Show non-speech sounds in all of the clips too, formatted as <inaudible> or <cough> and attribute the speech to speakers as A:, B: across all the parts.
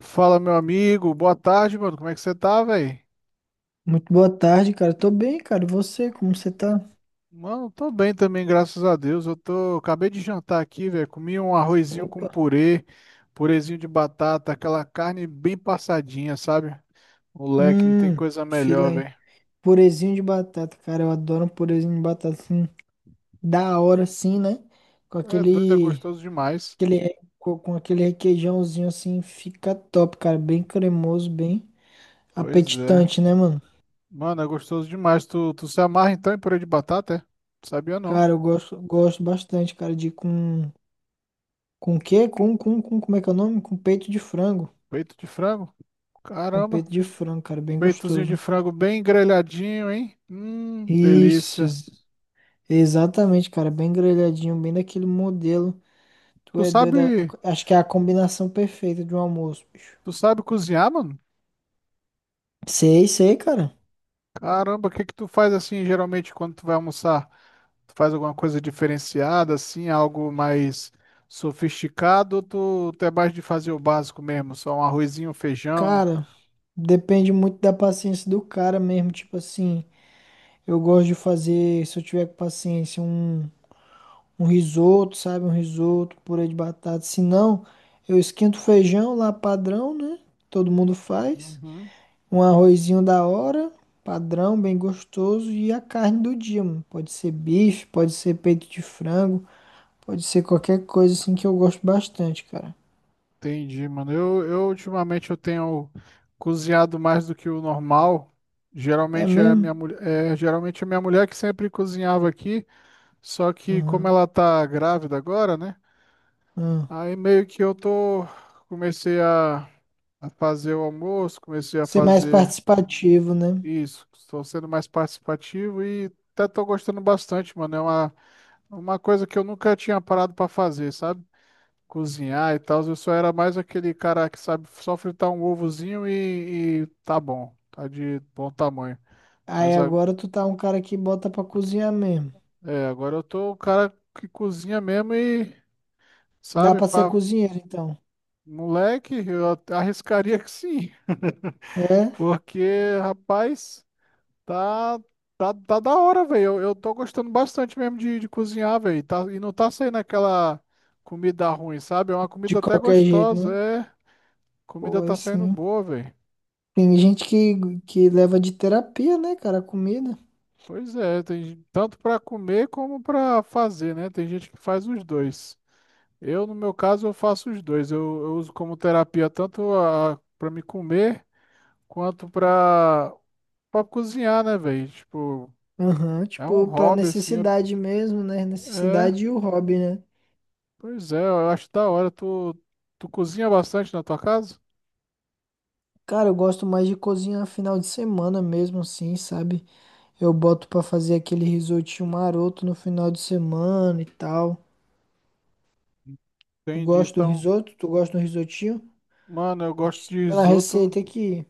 A: Fala, meu amigo. Boa tarde, mano. Como é que você tá, velho?
B: Muito boa tarde, cara. Tô bem, cara. E você, como você tá?
A: Mano, tô bem também, graças a Deus. Acabei de jantar aqui, velho. Comi um arrozinho com
B: Opa.
A: purê, purezinho de batata, aquela carne bem passadinha, sabe? Moleque, não tem
B: Hum,
A: coisa
B: fila
A: melhor,
B: aí.
A: velho.
B: Purezinho de batata, cara. Eu adoro um purezinho de batata assim, da hora assim, né? Com
A: É doido, é
B: aquele,
A: gostoso demais.
B: aquele re- co- com aquele requeijãozinho assim, fica top, cara. Bem cremoso, bem
A: Pois é.
B: apetitante, né, mano?
A: Mano, é gostoso demais. Tu se amarra então em purê de batata, é? Sabia não.
B: Cara, eu gosto, gosto bastante, cara, de com o quê? Com como é que é o nome? Com peito de frango.
A: Peito de frango?
B: Com
A: Caramba.
B: peito de frango, cara, bem
A: Peitozinho de
B: gostoso.
A: frango bem grelhadinho, hein?
B: Isso,
A: Delícia.
B: exatamente, cara, bem grelhadinho, bem daquele modelo. Tu
A: Tu
B: é doido,
A: sabe.
B: acho que é a combinação perfeita de um almoço, bicho.
A: Tu sabe cozinhar, mano?
B: Sei, sei, cara.
A: Caramba, o que que tu faz assim geralmente quando tu vai almoçar? Tu faz alguma coisa diferenciada, assim, algo mais sofisticado, ou tu é mais de fazer o básico mesmo, só um arrozinho, um feijão?
B: Cara, depende muito da paciência do cara mesmo. Tipo assim, eu gosto de fazer, se eu tiver com paciência, um risoto, sabe? Um risoto, purê de batata. Se não, eu esquento o feijão lá padrão, né? Todo mundo faz.
A: Uhum.
B: Um arrozinho da hora, padrão, bem gostoso. E a carne do dia, mano. Pode ser bife, pode ser peito de frango, pode ser qualquer coisa assim que eu gosto bastante, cara.
A: Entendi, mano. Eu ultimamente eu tenho cozinhado mais do que o normal.
B: É
A: Geralmente é a
B: mesmo?
A: minha mulher, é, geralmente é minha mulher que sempre cozinhava aqui, só que como
B: Aham,
A: ela tá grávida agora, né?
B: aham.
A: Aí meio que eu tô comecei a fazer o almoço, comecei a
B: Ser mais
A: fazer
B: participativo, né?
A: isso, estou sendo mais participativo e até tô gostando bastante, mano. Uma coisa que eu nunca tinha parado pra fazer, sabe? Cozinhar e tal. Eu só era mais aquele cara que sabe só fritar um ovozinho e tá bom, tá de bom tamanho.
B: Aí
A: Mas a-
B: agora tu tá um cara que bota pra cozinhar mesmo.
A: é, agora eu tô o cara que cozinha mesmo e
B: Dá
A: sabe,
B: pra ser
A: pra
B: cozinheiro, então.
A: moleque, eu arriscaria que sim. <laughs>
B: É?
A: Porque, rapaz, tá, tá da hora, velho. Eu tô gostando bastante mesmo de cozinhar, velho. Tá, e não tá saindo aquela comida ruim, sabe? É uma
B: De
A: comida até
B: qualquer jeito, né?
A: gostosa, é. Comida
B: Pô, é
A: tá saindo
B: sim.
A: boa, velho.
B: Tem gente que leva de terapia, né, cara, a comida.
A: Pois é, tanto para comer como para fazer, né? Tem gente que faz os dois. Eu, no meu caso, eu faço os dois. Eu uso como terapia tanto a para me comer quanto para cozinhar, né, velho? Tipo,
B: Aham,
A: é um
B: tipo, pra
A: hobby assim.
B: necessidade mesmo, né?
A: É,
B: Necessidade e o hobby, né?
A: pois é, eu acho da hora. Tu cozinha bastante na tua casa?
B: Cara, eu gosto mais de cozinhar final de semana mesmo, assim, sabe? Eu boto pra fazer aquele risotinho maroto no final de semana e tal. Tu
A: Entendi.
B: gosta de um
A: Então,
B: risoto? Tu gosta de um risotinho?
A: mano, eu
B: Eu te
A: gosto de
B: ensino a
A: risoto.
B: receita aqui.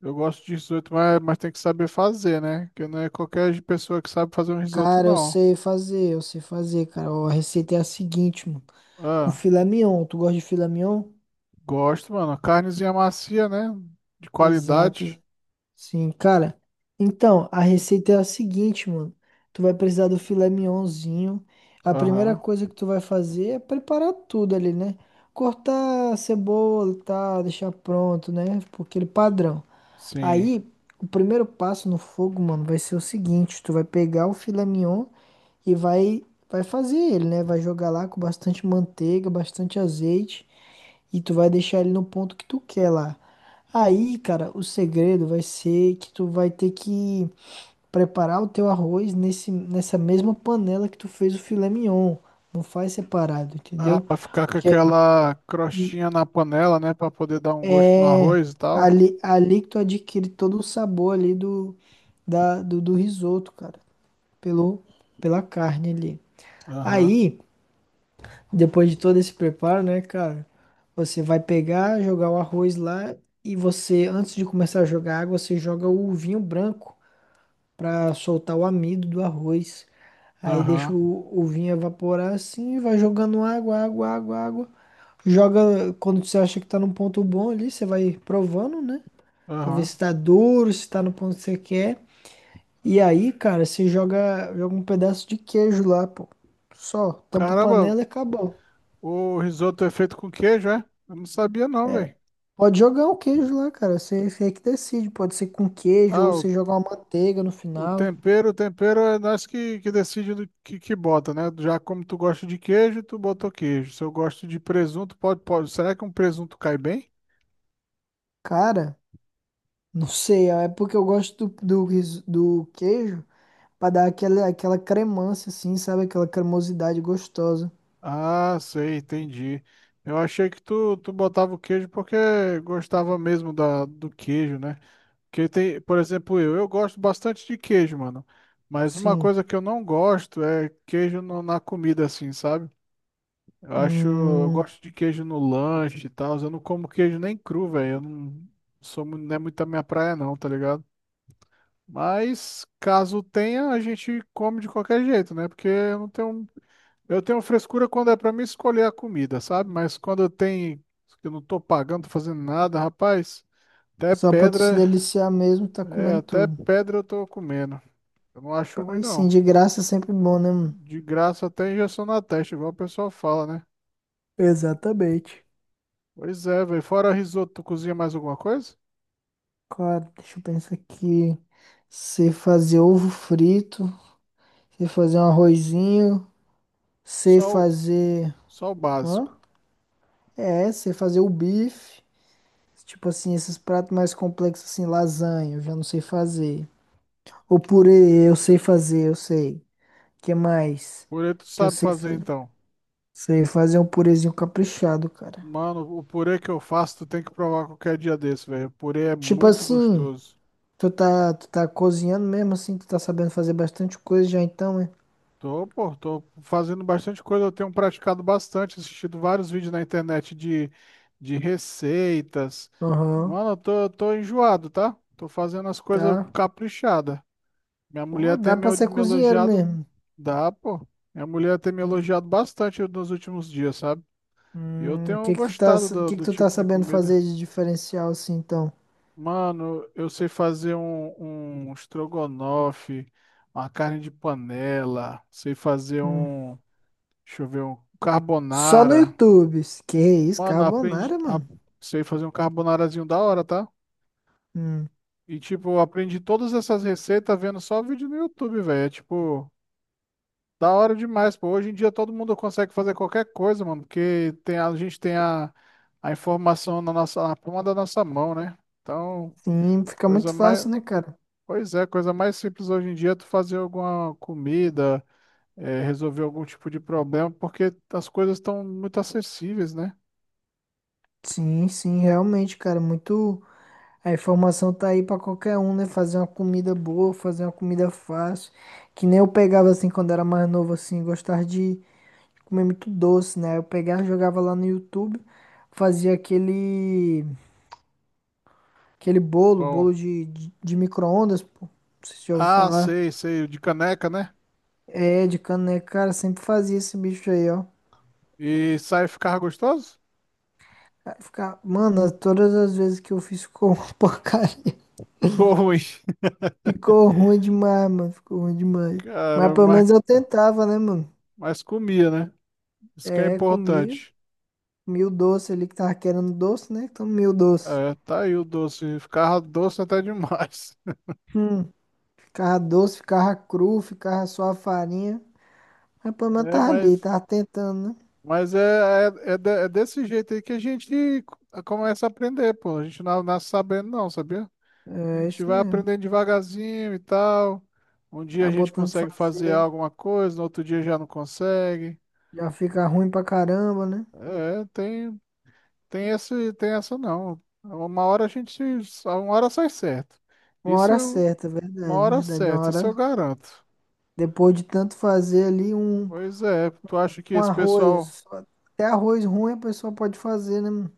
A: Eu gosto de risoto, mas tem que saber fazer, né? Porque não é qualquer pessoa que sabe fazer um risoto,
B: Cara,
A: não.
B: eu sei fazer, cara. Ó, a receita é a seguinte, mano. Com
A: Ah.
B: filé mignon, tu gosta de filé mignon?
A: Gosto, mano. Carnezinha macia, né? De
B: Exato,
A: qualidade.
B: sim, cara. Então, a receita é a seguinte, mano. Tu vai precisar do filé mignonzinho. A primeira
A: Aham,
B: coisa que tu vai fazer é preparar tudo ali, né? Cortar a cebola e tal, deixar pronto, né? Por aquele padrão.
A: sim.
B: Aí, o primeiro passo no fogo, mano, vai ser o seguinte: tu vai pegar o filé mignon e vai fazer ele, né? Vai jogar lá com bastante manteiga, bastante azeite. E tu vai deixar ele no ponto que tu quer lá. Aí, cara, o segredo vai ser que tu vai ter que preparar o teu arroz nessa mesma panela que tu fez o filé mignon. Não faz separado,
A: Ah,
B: entendeu?
A: pra ficar com
B: Porque
A: aquela
B: e-
A: crostinha na panela, né? Pra poder dar um gosto no
B: é
A: arroz e tal.
B: ali, ali que tu adquire todo o sabor ali do risoto, cara. Pelo, pela carne ali.
A: Aham,
B: Aí. Depois de todo esse preparo, né, cara? Você vai pegar, jogar o arroz lá e você, antes de começar a jogar água, você joga o vinho branco pra soltar o amido do arroz. Aí deixa
A: aham,
B: o vinho evaporar assim, e vai jogando água, água, água, água. Joga quando você acha que tá num ponto bom ali, você vai provando, né? Pra ver
A: aham.
B: se tá duro, se tá no ponto que você quer. E aí, cara, você joga, joga um pedaço de queijo lá, pô. Só, tampa a
A: Caramba,
B: panela e acabou.
A: o risoto é feito com queijo, é? Eu não sabia não, velho.
B: Pode jogar um queijo lá, cara. Você, você é que decide. Pode ser com queijo
A: Ah,
B: ou você jogar uma manteiga no
A: o
B: final.
A: tempero, o tempero é nós que decide do que bota, né? Já como tu gosta de queijo, tu botou queijo. Se eu gosto de presunto, pode, pode. Será que um presunto cai bem?
B: Cara, não sei. É porque eu gosto do queijo pra dar aquela, aquela cremância, assim, sabe? Aquela cremosidade gostosa.
A: Ah, sei, entendi. Eu achei que tu botava o queijo porque gostava mesmo da, do queijo, né? Porque tem, por exemplo, eu gosto bastante de queijo, mano. Mas uma
B: Sim.
A: coisa que eu não gosto é queijo na comida, assim, sabe? Eu acho, eu
B: Hum,
A: gosto de queijo no lanche e tal. Eu não como queijo nem cru, velho. Eu não sou, não é muito a minha praia não, tá ligado? Mas caso tenha, a gente come de qualquer jeito, né? Porque eu não tenho, eu tenho frescura quando é pra mim escolher a comida, sabe? Mas quando eu tenho, que eu não tô pagando, tô fazendo nada, rapaz, até
B: só pra tu se
A: pedra,
B: deliciar mesmo, tá
A: é,
B: comendo
A: até
B: tudo.
A: pedra eu tô comendo. Eu não acho ruim
B: Aí sim,
A: não.
B: de graça é sempre bom, né, mano?
A: De graça até injeção na testa, igual o pessoal fala, né?
B: Exatamente.
A: Pois é, velho. Fora risoto, tu cozinha mais alguma coisa?
B: Claro, deixa eu pensar aqui. Você fazer ovo frito, você fazer um arrozinho. Sei
A: Só,
B: fazer.
A: só o
B: Hã?
A: básico.
B: É, sei fazer o bife. Tipo assim, esses pratos mais complexos, assim, lasanha, eu já não sei fazer. O purê, eu sei fazer, eu sei. Que mais?
A: Purê tu
B: Que eu
A: sabe
B: sei
A: fazer
B: fazer.
A: então.
B: Sei fazer um purezinho caprichado, cara.
A: Mano, o purê que eu faço, tu tem que provar qualquer dia desse, velho. O purê é
B: Tipo
A: muito
B: assim,
A: gostoso.
B: tu tá cozinhando mesmo assim, tu tá sabendo fazer bastante coisa já então, né?
A: Tô, pô, tô fazendo bastante coisa, eu tenho praticado bastante, assistido vários vídeos na internet de receitas.
B: Aham,
A: Mano, eu tô enjoado, tá? Tô fazendo as coisas
B: tá.
A: caprichada. Minha
B: Pô,
A: mulher tem
B: dá
A: me,
B: pra ser
A: me
B: cozinheiro
A: elogiado,
B: mesmo.
A: dá, pô. Minha mulher tem me elogiado bastante nos últimos dias, sabe? E eu
B: O
A: tenho
B: que que tu tá,
A: gostado
B: o que que
A: do
B: tu tá
A: tipo de
B: sabendo
A: comida.
B: fazer de diferencial assim então?
A: Mano, eu sei fazer um, um estrogonofe, uma carne de panela, sei fazer
B: Hum.
A: um, deixa eu ver, um
B: Só no
A: carbonara.
B: YouTube. Que isso,
A: Mano, aprendi,
B: carbonara,
A: a-
B: mano.
A: sei fazer um carbonarazinho da hora, tá?
B: Hum,
A: E tipo, eu aprendi todas essas receitas vendo só vídeo no YouTube, velho. É tipo, da hora demais, pô. Hoje em dia todo mundo consegue fazer qualquer coisa, mano, porque tem, a gente tem a informação na nossa, na palma da nossa mão, né? Então,
B: sim, fica muito
A: coisa mais
B: fácil, né, cara?
A: pois é, a coisa mais simples hoje em dia é tu fazer alguma comida, é, resolver algum tipo de problema, porque as coisas estão muito acessíveis, né?
B: Sim, sim, realmente, cara. Muito. A informação tá aí pra qualquer um, né? Fazer uma comida boa, fazer uma comida fácil. Que nem eu pegava assim quando era mais novo, assim, gostava de comer muito doce, né? Eu pegava, jogava lá no YouTube, fazia aquele. Aquele bolo,
A: Bom,
B: bolo de micro-ondas, pô. Não sei se já ouviu
A: ah,
B: falar.
A: sei, o de caneca, né?
B: É, de caneca, cara, sempre fazia esse bicho aí, ó.
A: E sai ficar gostoso?
B: Vai ficar. Mano, todas as vezes que eu fiz ficou uma <laughs> porcaria.
A: Pô, ruim,
B: Ficou ruim demais, mano. Ficou ruim
A: <laughs>
B: demais. Mas
A: cara,
B: pelo menos eu tentava, né, mano?
A: mas comia, né? Isso que é
B: É, comia.
A: importante.
B: Comia o doce ali que tava querendo doce, né? Então comia o doce.
A: É, tá aí o doce, ficava doce até demais. <laughs>
B: Hum. Ficava doce, ficava cru, ficava só a farinha. Mas pelo menos
A: É,
B: tava ali,
A: mas,
B: tava tentando,
A: é desse jeito aí que a gente começa a aprender, pô. A gente não nasce sabendo, não, sabia? A
B: né? É
A: gente
B: isso
A: vai
B: mesmo.
A: aprendendo devagarzinho e tal. Um dia a
B: Tá
A: gente
B: botando pra
A: consegue fazer
B: fazer.
A: alguma coisa, no outro dia já não consegue.
B: Já fica ruim pra caramba, né?
A: É, tem, tem esse, tem essa não. Uma hora a gente, se- uma hora sai certo.
B: Uma
A: Isso
B: hora
A: eu,
B: certa,
A: uma
B: verdade,
A: hora
B: verdade. Uma
A: certa, isso eu
B: hora.
A: garanto.
B: Depois de tanto fazer ali, um
A: Pois é, tu acha que
B: um
A: esse pessoal,
B: arroz. Até arroz ruim a pessoa pode fazer, né, mano?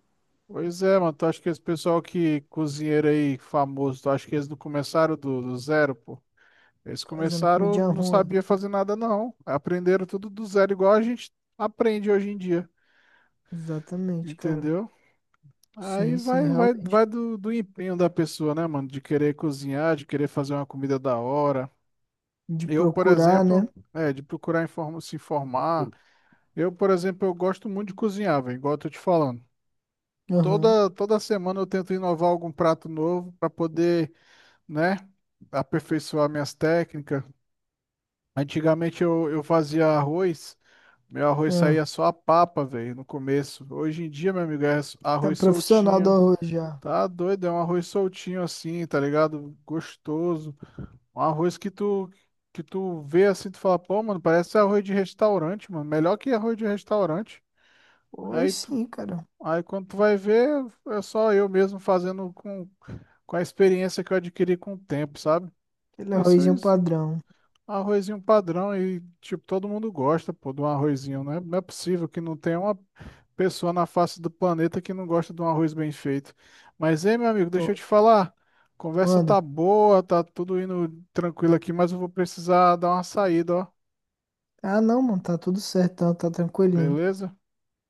A: pois é, mano, tu acha que esse pessoal que cozinheiro aí famoso, tu acha que eles não começaram do zero, pô? Eles
B: Fazendo
A: começaram,
B: comidinha
A: não
B: ruim.
A: sabia fazer nada, não. Aprenderam tudo do zero, igual a gente aprende hoje em dia,
B: Exatamente, cara.
A: entendeu? Aí
B: Sim, sim,
A: vai
B: realmente.
A: do empenho da pessoa, né, mano? De querer cozinhar, de querer fazer uma comida da hora.
B: De
A: Eu, por
B: procurar,
A: exemplo,
B: né?
A: é, de procurar se informar. Eu, por exemplo, eu gosto muito de cozinhar, velho, igual eu tô te falando.
B: Aham.
A: Toda semana eu tento inovar algum prato novo para poder, né, aperfeiçoar minhas técnicas. Antigamente eu fazia arroz. Meu arroz
B: Ah,
A: saía só a papa, velho, no começo. Hoje em dia, meu amigo, é
B: tá
A: arroz
B: profissional do
A: soltinho.
B: arroz já.
A: Tá doido, é um arroz soltinho assim, tá ligado? Gostoso. Um arroz que tu vê assim, tu fala, pô, mano, parece arroz de restaurante, mano. Melhor que arroz de restaurante. Aí
B: Pois
A: tu,
B: sim, cara.
A: aí quando tu vai ver, é só eu mesmo fazendo com a experiência que eu adquiri com o tempo, sabe?
B: Aquele
A: Isso,
B: arrozinho
A: isso
B: padrão.
A: Arrozinho padrão e, tipo, todo mundo gosta, pô, de um arrozinho, né? Não é possível que não tenha uma pessoa na face do planeta que não gosta de um arroz bem feito. Mas, ei, meu amigo, deixa eu
B: Top.
A: te falar. Conversa
B: Manda.
A: tá boa, tá tudo indo tranquilo aqui, mas eu vou precisar dar uma saída, ó.
B: Ah, não, mano. Tá tudo certo. Tá, tá tranquilinho.
A: Beleza?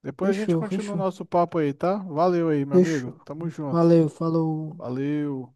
A: Depois a gente
B: Fechou,
A: continua o
B: fechou.
A: nosso papo aí, tá? Valeu aí, meu amigo.
B: Fechou.
A: Tamo junto.
B: Valeu, falou.
A: Valeu.